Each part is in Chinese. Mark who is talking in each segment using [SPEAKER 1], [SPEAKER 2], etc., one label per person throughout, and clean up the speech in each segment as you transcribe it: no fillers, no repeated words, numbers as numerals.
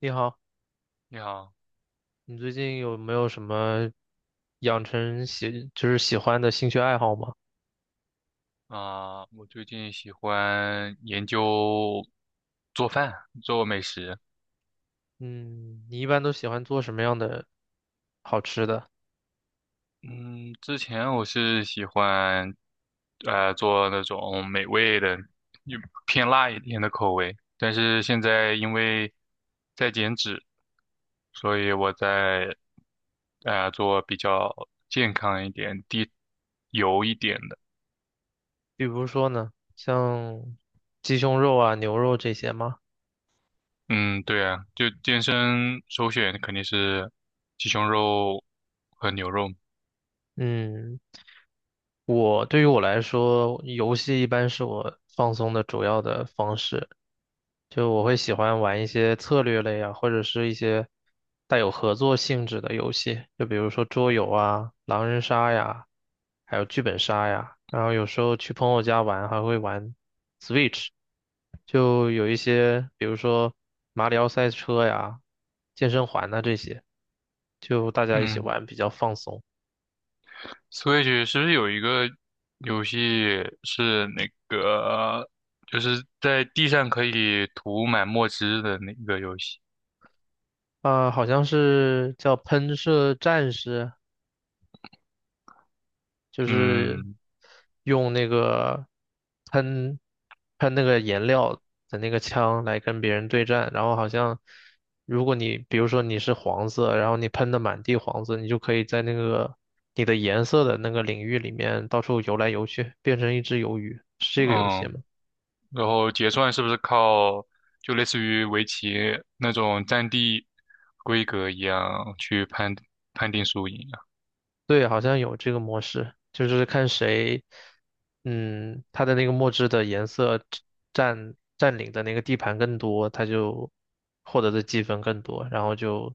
[SPEAKER 1] 你好，
[SPEAKER 2] 你好
[SPEAKER 1] 你最近有没有什么养成喜，喜欢的兴趣爱好吗？
[SPEAKER 2] 啊，我最近喜欢研究做饭，做美食。
[SPEAKER 1] 嗯，你一般都喜欢做什么样的好吃的？
[SPEAKER 2] 嗯，之前我是喜欢做那种美味的，就偏辣一点的口味。但是现在因为在减脂，所以我在做比较健康一点、低油一点的。
[SPEAKER 1] 比如说呢，像鸡胸肉啊、牛肉这些吗？
[SPEAKER 2] 嗯，对啊，就健身首选肯定是鸡胸肉和牛肉。
[SPEAKER 1] 嗯，我对于我来说，游戏一般是我放松的主要的方式。就我会喜欢玩一些策略类啊，或者是一些带有合作性质的游戏，就比如说桌游啊、狼人杀呀，还有剧本杀呀。然后有时候去朋友家玩，还会玩 Switch，就有一些，比如说马里奥赛车呀、健身环呐、这些，就大家一起
[SPEAKER 2] 嗯。
[SPEAKER 1] 玩比较放松。
[SPEAKER 2] 所以是不是有一个游戏是那个，就是在地上可以涂满墨汁的那个游戏？
[SPEAKER 1] 啊、好像是叫喷射战士。就是
[SPEAKER 2] 嗯
[SPEAKER 1] 用那个喷喷那个颜料的那个枪来跟别人对战，然后好像如果你比如说你是黄色，然后你喷的满地黄色，你就可以在那个你的颜色的那个领域里面到处游来游去，变成一只鱿鱼，是这个游戏
[SPEAKER 2] 嗯，
[SPEAKER 1] 吗？
[SPEAKER 2] 然后结算是不是靠就类似于围棋那种占地规格一样去判定输赢啊？
[SPEAKER 1] 对，好像有这个模式，就是看谁，嗯，他的那个墨汁的颜色占领的那个地盘更多，他就获得的积分更多，然后就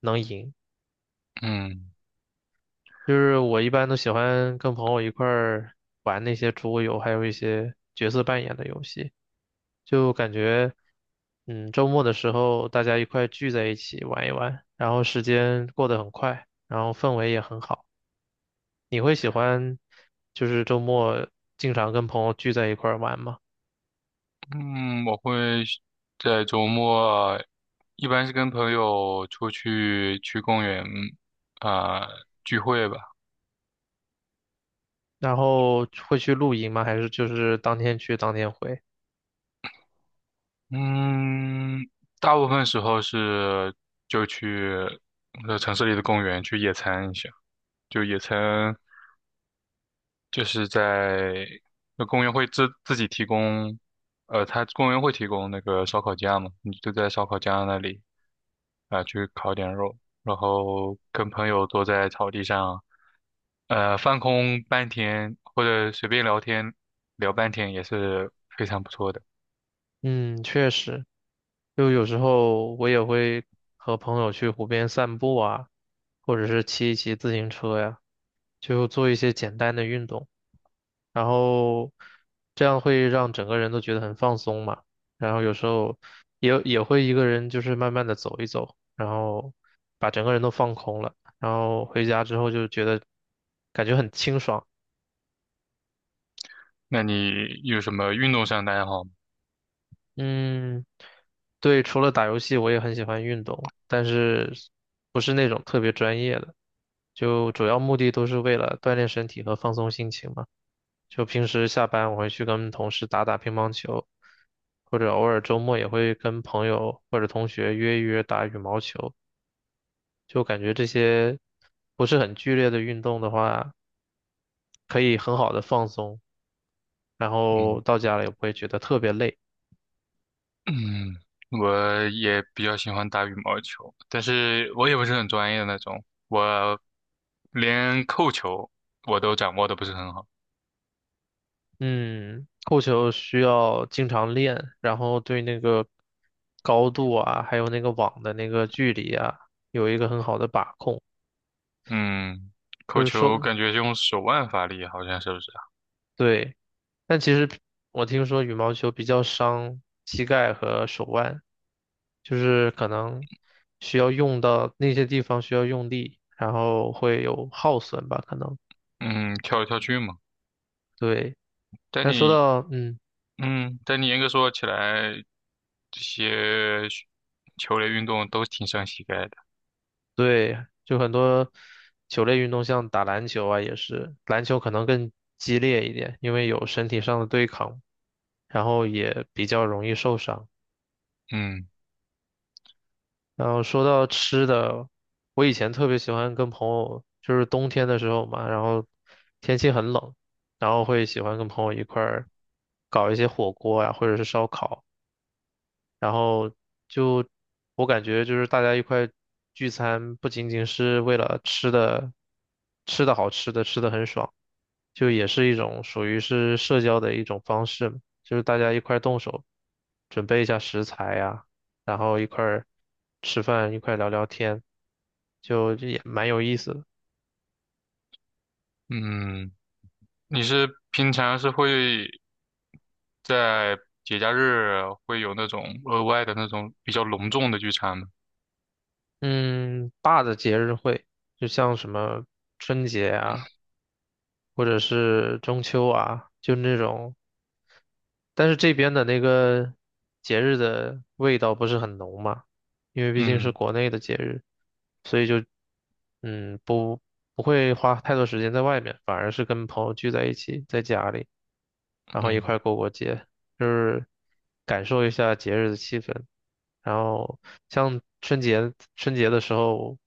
[SPEAKER 1] 能赢。
[SPEAKER 2] 嗯，
[SPEAKER 1] 就是我一般都喜欢跟朋友一块儿玩那些桌游，还有一些角色扮演的游戏，就感觉，嗯，周末的时候大家一块聚在一起玩一玩，然后时间过得很快，然后氛围也很好。你会喜欢就是周末经常跟朋友聚在一块儿玩吗？
[SPEAKER 2] 嗯我会在周末，一般是跟朋友出去去公园啊、聚会吧。
[SPEAKER 1] 然后会去露营吗？还是就是当天去当天回？
[SPEAKER 2] 嗯，大部分时候是就去城市里的公园去野餐一下，就野餐就是在那公园会自己提供，呃，它公园会提供那个烧烤架嘛，你就在烧烤架那里啊、去烤点肉，然后跟朋友坐在草地上，呃，放空半天或者随便聊天聊半天也是非常不错的。
[SPEAKER 1] 嗯，确实，就有时候我也会和朋友去湖边散步啊，或者是骑一骑自行车呀，就做一些简单的运动。然后这样会让整个人都觉得很放松嘛。然后有时候也会一个人就是慢慢的走一走，然后把整个人都放空了，然后回家之后就觉得感觉很清爽。
[SPEAKER 2] 那你有什么运动上的爱好
[SPEAKER 1] 嗯，对，除了打游戏，我也很喜欢运动，但是不是那种特别专业的，就主要目的都是为了锻炼身体和放松心情嘛。就平时下班我会去跟同事打打乒乓球，或者偶尔周末也会跟朋友或者同学约一约打羽毛球。就感觉这些不是很剧烈的运动的话，可以很好的放松，然
[SPEAKER 2] 嗯。
[SPEAKER 1] 后到家了也不会觉得特别累。
[SPEAKER 2] 嗯，我也比较喜欢打羽毛球，但是我也不是很专业的那种，我连扣球我都掌握的不是很好。
[SPEAKER 1] 嗯，扣球需要经常练，然后对那个高度啊，还有那个网的那个距离啊，有一个很好的把控。
[SPEAKER 2] 嗯，
[SPEAKER 1] 就
[SPEAKER 2] 扣
[SPEAKER 1] 是
[SPEAKER 2] 球
[SPEAKER 1] 说，
[SPEAKER 2] 感觉用手腕发力，好像是不是啊？
[SPEAKER 1] 对。但其实我听说羽毛球比较伤膝盖和手腕，就是可能需要用到那些地方需要用力，然后会有耗损吧，可能。
[SPEAKER 2] 嗯，跳来跳去嘛。
[SPEAKER 1] 对，
[SPEAKER 2] 但
[SPEAKER 1] 但说
[SPEAKER 2] 你，
[SPEAKER 1] 到
[SPEAKER 2] 嗯，但你严格说起来，这些球类运动都挺伤膝盖的。
[SPEAKER 1] 对，就很多球类运动，像打篮球啊，也是篮球可能更激烈一点，因为有身体上的对抗，然后也比较容易受伤。
[SPEAKER 2] 嗯，
[SPEAKER 1] 然后说到吃的，我以前特别喜欢跟朋友，就是冬天的时候嘛，然后天气很冷，然后会喜欢跟朋友一块儿搞一些火锅呀、或者是烧烤，然后就我感觉就是大家一块聚餐，不仅仅是为了吃的，吃的好吃的，吃的很爽。就也是一种属于是社交的一种方式嘛就是大家一块儿动手，准备一下食材呀，然后一块儿吃饭，一块儿聊聊天，就这也蛮有意思的。
[SPEAKER 2] 嗯，你是平常是会在节假日会有那种额外的那种比较隆重的聚餐吗？
[SPEAKER 1] 嗯，大的节日会，就像什么春节啊，或者是中秋啊，就那种但是这边的那个节日的味道不是很浓嘛，因为毕竟是
[SPEAKER 2] 嗯。
[SPEAKER 1] 国内的节日，所以就嗯不不会花太多时间在外面，反而是跟朋友聚在一起，在家里。然后一块
[SPEAKER 2] 嗯
[SPEAKER 1] 儿过过节，就是感受一下节日的气氛。然后像春节的时候，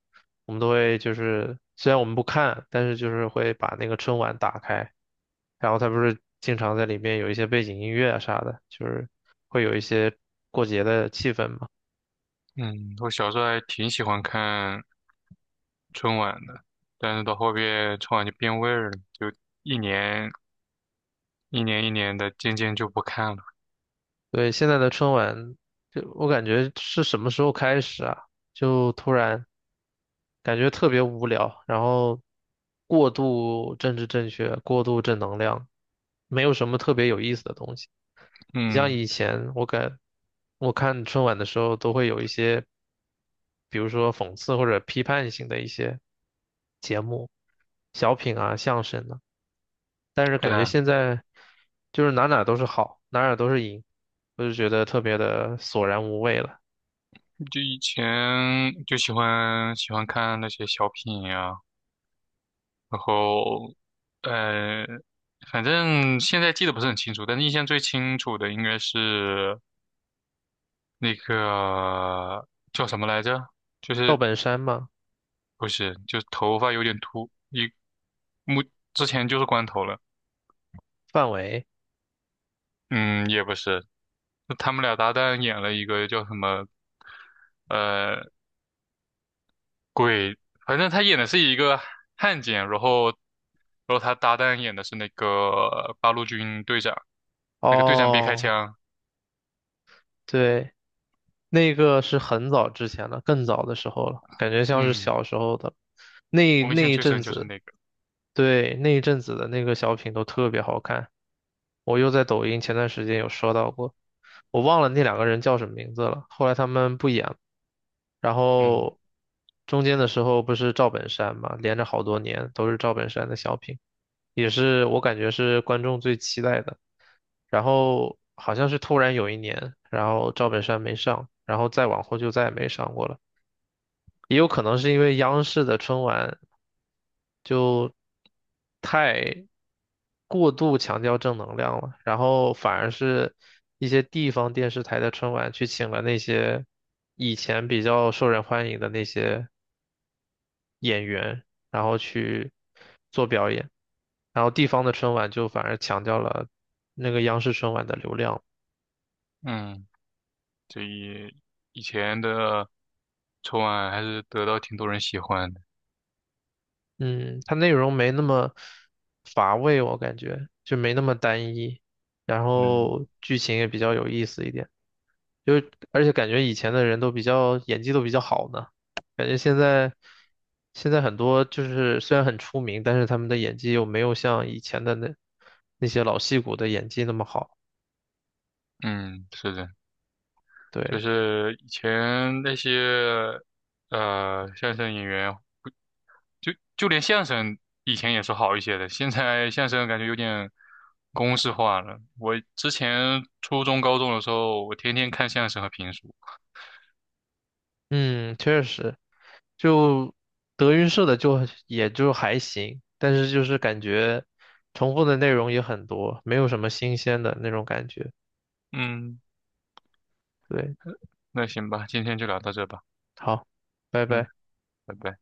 [SPEAKER 1] 我们都会就是虽然我们不看，但是就是会把那个春晚打开，然后它不是经常在里面有一些背景音乐啊啥的，就是会有一些过节的气氛嘛。
[SPEAKER 2] 嗯，我小时候还挺喜欢看春晚的，但是到后边春晚就变味儿了，就一年一年一年的渐渐就不看了。
[SPEAKER 1] 对，现在的春晚，就我感觉是什么时候开始啊？就突然。感觉特别无聊，然后过度政治正确，过度正能量，没有什么特别有意思的东西。你像
[SPEAKER 2] 嗯，
[SPEAKER 1] 以前我看春晚的时候，都会有一些，比如说讽刺或者批判性的一些节目、小品啊、相声啊，但是感
[SPEAKER 2] 对
[SPEAKER 1] 觉
[SPEAKER 2] 啊，
[SPEAKER 1] 现在就是哪哪都是好，哪哪都是赢，我就觉得特别的索然无味了。
[SPEAKER 2] 就以前就喜欢看那些小品呀、然后呃，反正现在记得不是很清楚，但是印象最清楚的应该是那个叫什么来着？就
[SPEAKER 1] 赵
[SPEAKER 2] 是
[SPEAKER 1] 本山嘛，
[SPEAKER 2] 不是，就是头发有点秃，一目之前就是光头了。
[SPEAKER 1] 范伟，
[SPEAKER 2] 嗯，也不是，就他们俩搭档演了一个叫什么，呃，鬼，反正他演的是一个汉奸，然后，然后他搭档演的是那个八路军队长，那个队长别开
[SPEAKER 1] 哦。
[SPEAKER 2] 枪。
[SPEAKER 1] 对，那个是很早之前了，更早的时候了，感觉像是
[SPEAKER 2] 嗯，
[SPEAKER 1] 小时候的，那
[SPEAKER 2] 我印
[SPEAKER 1] 那
[SPEAKER 2] 象
[SPEAKER 1] 一
[SPEAKER 2] 最
[SPEAKER 1] 阵
[SPEAKER 2] 深就是
[SPEAKER 1] 子，
[SPEAKER 2] 那个。
[SPEAKER 1] 对，那一阵子的那个小品都特别好看，我又在抖音前段时间有刷到过，我忘了那两个人叫什么名字了，后来他们不演了，然
[SPEAKER 2] 嗯。
[SPEAKER 1] 后中间的时候不是赵本山嘛，连着好多年都是赵本山的小品，也是我感觉是观众最期待的。然后好像是突然有一年，然后赵本山没上，然后再往后就再也没上过了。也有可能是因为央视的春晚就太过度强调正能量了，然后反而是一些地方电视台的春晚去请了那些以前比较受人欢迎的那些演员，然后去做表演，然后地方的春晚就反而强调了那个央视春晚的流量。
[SPEAKER 2] 嗯这一以前的春晚还是得到挺多人喜欢的。
[SPEAKER 1] 嗯，它内容没那么乏味，我感觉就没那么单一，然
[SPEAKER 2] 嗯。
[SPEAKER 1] 后剧情也比较有意思一点，就是而且感觉以前的人都比较演技都比较好呢，感觉现在很多就是虽然很出名，但是他们的演技又没有像以前的那些老戏骨的演技那么好，
[SPEAKER 2] 嗯，是的，就
[SPEAKER 1] 对，
[SPEAKER 2] 是以前那些相声演员，就就连相声以前也是好一些的，现在相声感觉有点公式化了。我之前初中、高中的时候，我天天看相声和评书。
[SPEAKER 1] 嗯，确实。就德云社的就也就还行，但是就是感觉重复的内容也很多，没有什么新鲜的那种感觉。
[SPEAKER 2] 嗯，
[SPEAKER 1] 对，
[SPEAKER 2] 那行吧，今天就聊到这吧。
[SPEAKER 1] 好，拜
[SPEAKER 2] 嗯，
[SPEAKER 1] 拜。
[SPEAKER 2] 拜拜。